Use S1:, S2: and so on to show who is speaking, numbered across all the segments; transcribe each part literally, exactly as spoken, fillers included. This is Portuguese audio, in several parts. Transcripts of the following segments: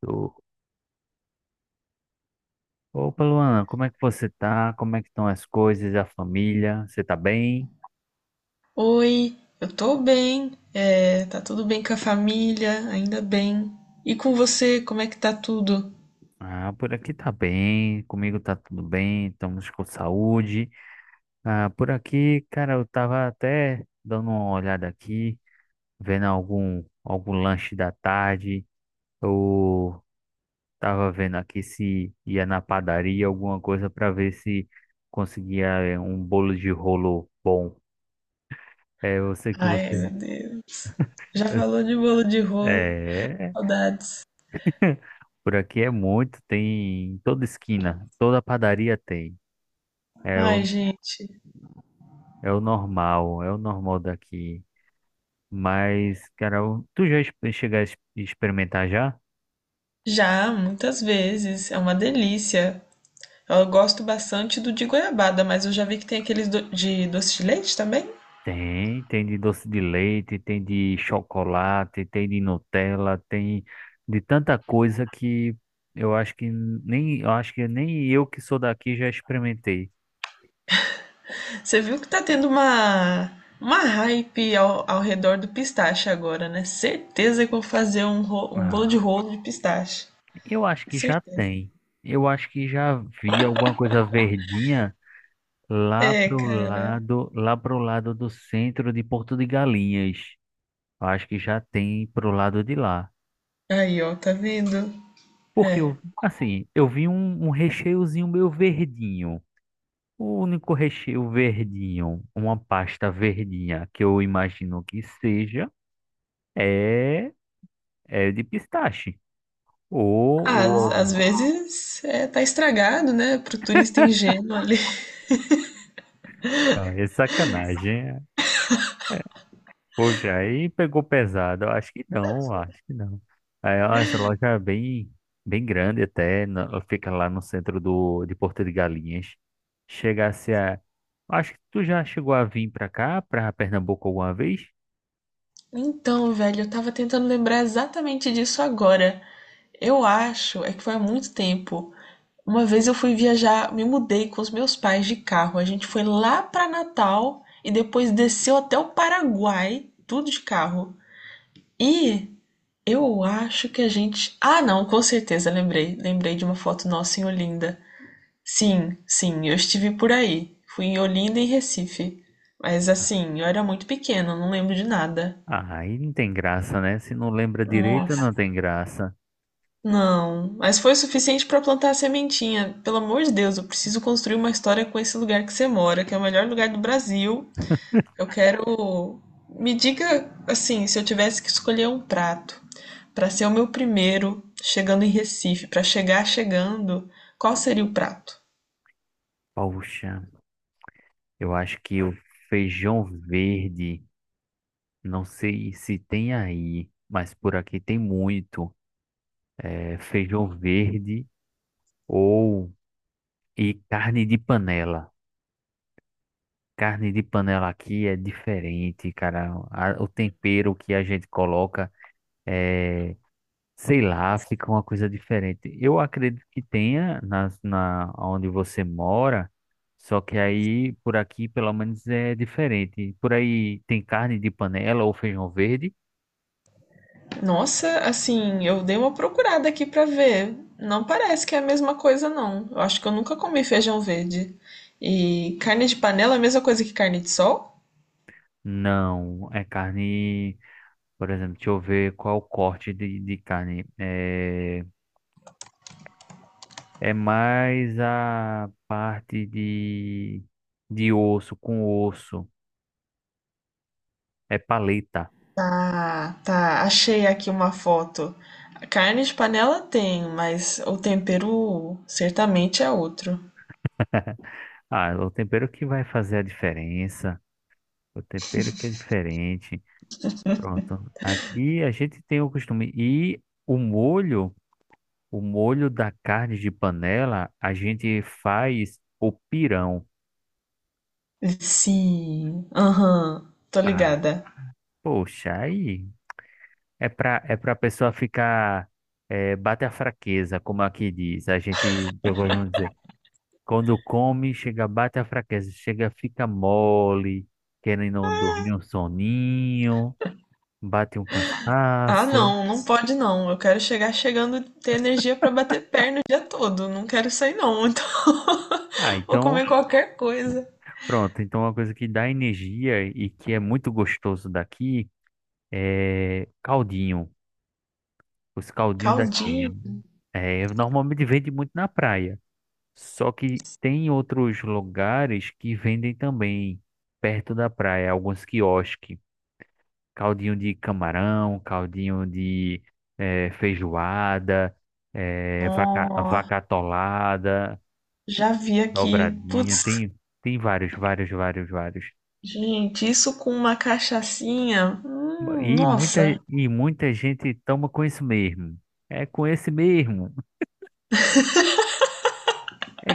S1: Tô. Opa, Luana, como é que você tá? Como é que estão as coisas, a família? Você tá bem?
S2: Oi, eu tô bem, é, tá tudo bem com a família, ainda bem. E com você, como é que tá tudo?
S1: Ah, por aqui tá bem, comigo tá tudo bem, estamos com saúde. Ah, por aqui, cara, eu tava até dando uma olhada aqui, vendo algum, algum lanche da tarde. Eu tava vendo aqui se ia na padaria, alguma coisa para ver se conseguia eh, um bolo de rolo bom. É, eu sei que
S2: Ai,
S1: você.
S2: meu Deus. Já falou de bolo de rolo,
S1: É,
S2: saudades.
S1: por aqui é muito, tem em toda esquina, toda padaria tem. É
S2: Ai,
S1: o,
S2: gente,
S1: é o normal, é o normal daqui. Mas, cara, o- tu já ex- chegar a ex- experimentar já?
S2: já muitas vezes, é uma delícia. Eu gosto bastante do de goiabada, mas eu já vi que tem aqueles do- de doce de leite também.
S1: Tem, tem de doce de leite, tem de chocolate, tem de Nutella, tem de tanta coisa que eu acho que nem, eu acho que nem eu que sou daqui já experimentei.
S2: Você viu que tá tendo uma, uma hype ao, ao redor do pistache agora, né? Certeza que eu vou fazer um, ro- um bolo de
S1: Ah,
S2: rolo de pistache.
S1: eu acho que já
S2: Certeza.
S1: tem. Eu acho que já vi alguma coisa verdinha. Lá
S2: É,
S1: pro
S2: cara.
S1: lado, lá pro lado do centro de Porto de Galinhas. Eu acho que já tem pro lado de lá.
S2: Aí, ó, tá vendo?
S1: Porque
S2: É.
S1: eu, assim, eu vi um, um recheiozinho meio verdinho. O único recheio verdinho, uma pasta verdinha que eu imagino que seja, é, é de pistache. Ou,
S2: Ah,
S1: ou,
S2: Às, às
S1: algum-
S2: vezes é, tá estragado, né? Pro turista ingênuo ali.
S1: ah, é sacanagem. Poxa, aí pegou pesado. Eu acho que não, eu acho que não. Aí, ó, essa loja é bem, bem grande até. na- Ela fica lá no centro do, de Porto de Galinhas. Chegasse a. Acho que tu já chegou a vir pra cá, pra Pernambuco alguma vez?
S2: Então, velho, eu tava tentando lembrar exatamente disso agora. Eu acho, é que foi há muito tempo. Uma vez eu fui viajar, me mudei com os meus pais de carro. A gente foi lá pra Natal e depois desceu até o Paraguai, tudo de carro. E eu acho que a gente. Ah, não, com certeza, lembrei. Lembrei de uma foto nossa em Olinda. Sim, sim, eu estive por aí. Fui em Olinda e Recife. Mas assim, eu era muito pequena, não lembro de nada.
S1: Ah, aí não tem graça, né? Se não lembra direito,
S2: Nossa.
S1: não tem graça.
S2: Não, mas foi o suficiente para plantar a sementinha. Pelo amor de Deus, eu preciso construir uma história com esse lugar que você mora, que é o melhor lugar do Brasil. Eu quero. Me diga, assim, se eu tivesse que escolher um prato para ser o meu primeiro chegando em Recife, para chegar chegando, qual seria o prato?
S1: Poxa, eu acho que o feijão verde, não sei se tem aí, mas por aqui tem muito. É feijão verde ou. E carne de panela. Carne de panela aqui é diferente, cara. A- o tempero que a gente coloca é, sei lá, fica uma coisa diferente. Eu acredito que tenha nas, na onde você mora, só que aí por aqui pelo menos é diferente. Por aí tem carne de panela ou feijão verde?
S2: Nossa, assim, eu dei uma procurada aqui pra ver. Não parece que é a mesma coisa, não. Eu acho que eu nunca comi feijão verde. E carne de panela é a mesma coisa que carne de sol?
S1: Não, é carne, por exemplo, deixa eu ver qual o corte de, de carne. É, É mais a parte de, de osso com osso. É paleta.
S2: Tá, tá. Achei aqui uma foto. A carne de panela tem, mas o tempero certamente é outro.
S1: Ah, é o tempero que vai fazer a diferença. O tempero que é diferente. Pronto. Aqui a gente tem o costume. E o molho, o molho da carne de panela, a gente faz o pirão.
S2: Sim, aham, tô
S1: Ah,
S2: ligada.
S1: poxa, aí é pra, é pra pessoa ficar. Eh, bate a fraqueza, como aqui diz. A gente, eu gosto de dizer. Quando come, chega, bate a fraqueza, chega, fica mole, querendo dormir um soninho, bate um
S2: Ah,
S1: cansaço.
S2: não, não pode não. Eu quero chegar chegando, ter energia pra bater perna o dia todo. Não quero isso aí não. Então,
S1: Ah,
S2: vou comer
S1: então,
S2: qualquer coisa.
S1: pronto. Então, uma coisa que dá energia e que é muito gostoso daqui é caldinho. Os caldinhos
S2: Caldinho.
S1: daqui. É, normalmente vende muito na praia. Só que tem outros lugares que vendem também perto da praia, alguns quiosques. Caldinho de camarão, caldinho de eh, feijoada, eh, vaca,
S2: Ó,
S1: vaca atolada,
S2: já vi aqui.
S1: dobradinha,
S2: Putz,
S1: tem, tem vários, vários, vários, vários.
S2: gente, isso com uma cachaçinha. Hum,
S1: E muita,
S2: nossa.
S1: e muita gente toma com isso mesmo. É com esse mesmo. É,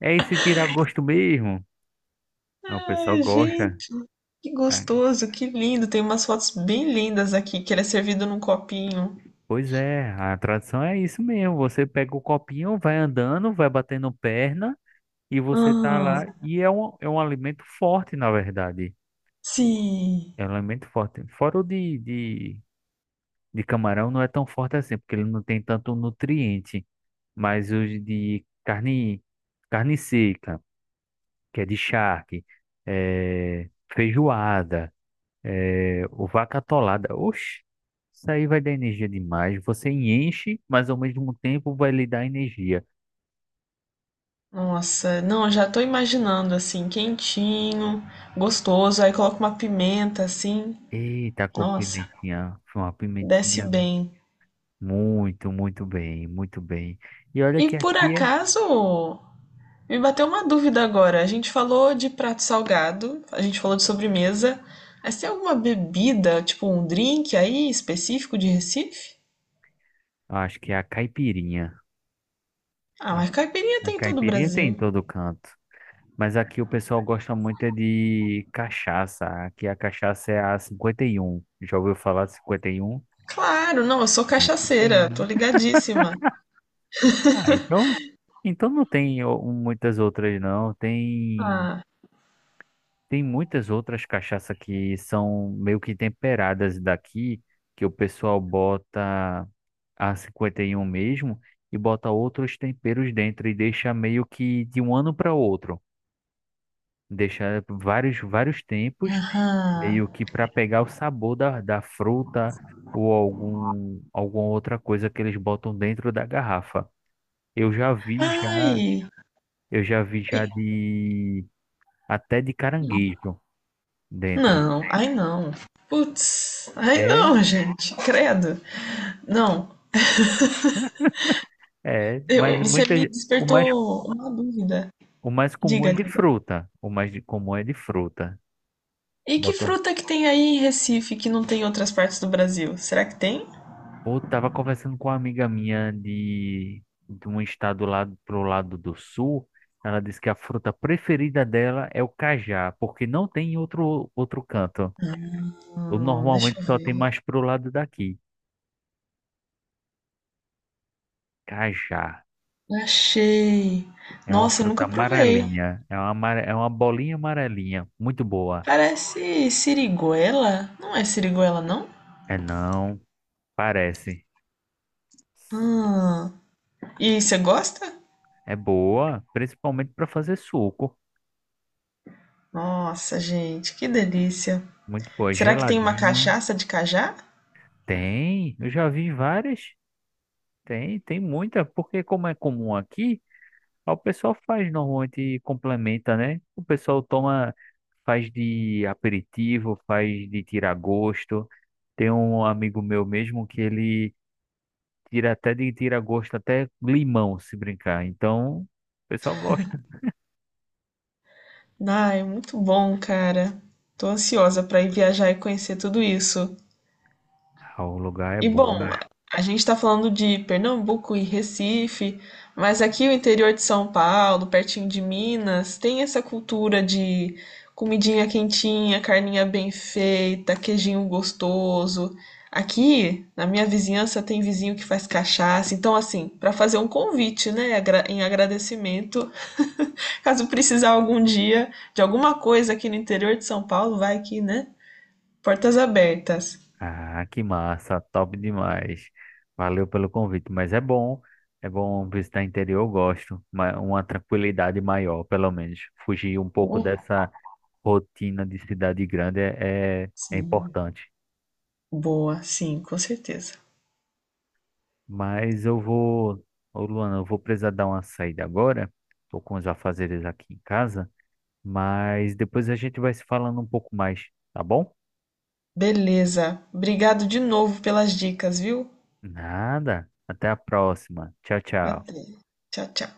S1: é esse tirar gosto mesmo. Ah, o pessoal
S2: Ai,
S1: gosta.
S2: gente, que
S1: Ah,
S2: gostoso, que lindo. Tem umas fotos bem lindas aqui, que ele é servido num copinho.
S1: pois é, a tradição é isso mesmo. Você pega o copinho, vai andando, vai batendo perna e você tá
S2: Ah,
S1: lá. E é um, é um alimento forte, na verdade.
S2: sim.
S1: Ela é muito forte. Fora o de, de, de camarão não é tão forte assim, porque ele não tem tanto nutriente. Mas os de carne, carne seca, que é de charque, é, feijoada, é, o vaca atolada. Oxe, isso aí vai dar energia demais. Você enche, mas ao mesmo tempo vai lhe dar energia.
S2: Nossa, não, já tô imaginando assim, quentinho, gostoso, aí coloca uma pimenta assim.
S1: Eita, com
S2: Nossa,
S1: pimentinha. Foi uma
S2: desce
S1: pimentinha
S2: bem.
S1: muito, muito bem, muito bem. E olha
S2: E
S1: que
S2: por
S1: aqui é,
S2: acaso, me bateu uma dúvida agora. A gente falou de prato salgado, a gente falou de sobremesa, mas tem alguma bebida, tipo um drink aí específico de Recife?
S1: acho que é a caipirinha.
S2: Ah, mas caipirinha
S1: A
S2: tem em todo o
S1: caipirinha tem em
S2: Brasil.
S1: todo canto. Mas aqui o pessoal gosta muito é de cachaça. Aqui a cachaça é a cinquenta e um. Já ouviu falar de cinquenta e um?
S2: Claro, não, eu sou cachaceira, tô
S1: Tem.
S2: ligadíssima.
S1: Ah, então, então não tem o- muitas outras, não. Tem,
S2: Ah,
S1: tem muitas outras cachaça que são meio que temperadas daqui, que o pessoal bota a cinquenta e um mesmo e bota outros temperos dentro e deixa meio que de um ano para outro. Deixa vários, vários tempos
S2: aham.
S1: meio que para pegar o sabor da, da fruta ou algum, alguma outra coisa que eles botam dentro da garrafa. Eu já vi já,
S2: Ai,
S1: eu já vi já
S2: e,
S1: de até de caranguejo dentro.
S2: não, ai não. Putz, ai
S1: É,
S2: não, gente, credo. Não,
S1: é, mas
S2: eu- você me
S1: muitas o mais
S2: despertou uma dúvida.
S1: o mais comum é
S2: Diga,
S1: de
S2: diga.
S1: fruta. O mais de- comum é de fruta.
S2: E que fruta que tem aí em Recife que não tem em outras partes do Brasil? Será que tem?
S1: Pô, tava conversando com uma amiga minha de, de um estado lá pro lado do sul. Ela disse que a fruta preferida dela é o cajá, porque não tem em outro outro canto. Eu,
S2: Hum, deixa eu
S1: normalmente só tem
S2: ver.
S1: mais pro lado daqui. Cajá
S2: Achei.
S1: é uma
S2: Nossa, eu
S1: fruta
S2: nunca provei.
S1: amarelinha, é uma amare- é uma bolinha amarelinha, muito boa.
S2: Parece siriguela? Não é siriguela, não?
S1: É não, parece.
S2: Hum. E você gosta?
S1: É boa, principalmente para fazer suco.
S2: Nossa, gente, que delícia.
S1: Muito boa,
S2: Será que tem uma
S1: geladinho.
S2: cachaça de cajá?
S1: Tem, eu já vi várias. Tem, tem muita, porque como é comum aqui, o pessoal faz normalmente e complementa, né? O pessoal toma, faz de aperitivo, faz de tirar gosto. Tem um amigo meu mesmo que ele tira até de tirar gosto até limão, se brincar. Então, o pessoal gosta.
S2: Ai, muito bom, cara. Tô ansiosa pra ir viajar e conhecer tudo isso.
S1: Ah, o lugar é
S2: E bom,
S1: bom.
S2: a gente tá falando de Pernambuco e Recife, mas aqui o interior de São Paulo, pertinho de Minas, tem essa cultura de comidinha quentinha, carninha bem feita, queijinho gostoso. Aqui, na minha vizinhança, tem vizinho que faz cachaça. Então, assim, pra fazer um convite, né, agra- em agradecimento. Caso precisar algum dia de alguma coisa aqui no interior de São Paulo, vai aqui, né? Portas abertas.
S1: Ah, que massa, top demais. Valeu pelo convite, mas é bom, é bom visitar interior, eu gosto, ma- uma tranquilidade maior, pelo menos. Fugir um pouco
S2: Uh,
S1: dessa rotina de cidade grande é, é, é
S2: Sim.
S1: importante.
S2: Boa, sim, com certeza.
S1: Mas eu vou, ô Luana, eu vou precisar dar uma saída agora, tô com os afazeres aqui em casa, mas depois a gente vai se falando um pouco mais, tá bom?
S2: Beleza. Obrigado de novo pelas dicas, viu?
S1: Nada, até a próxima. Tchau, tchau.
S2: Até. Tchau, tchau.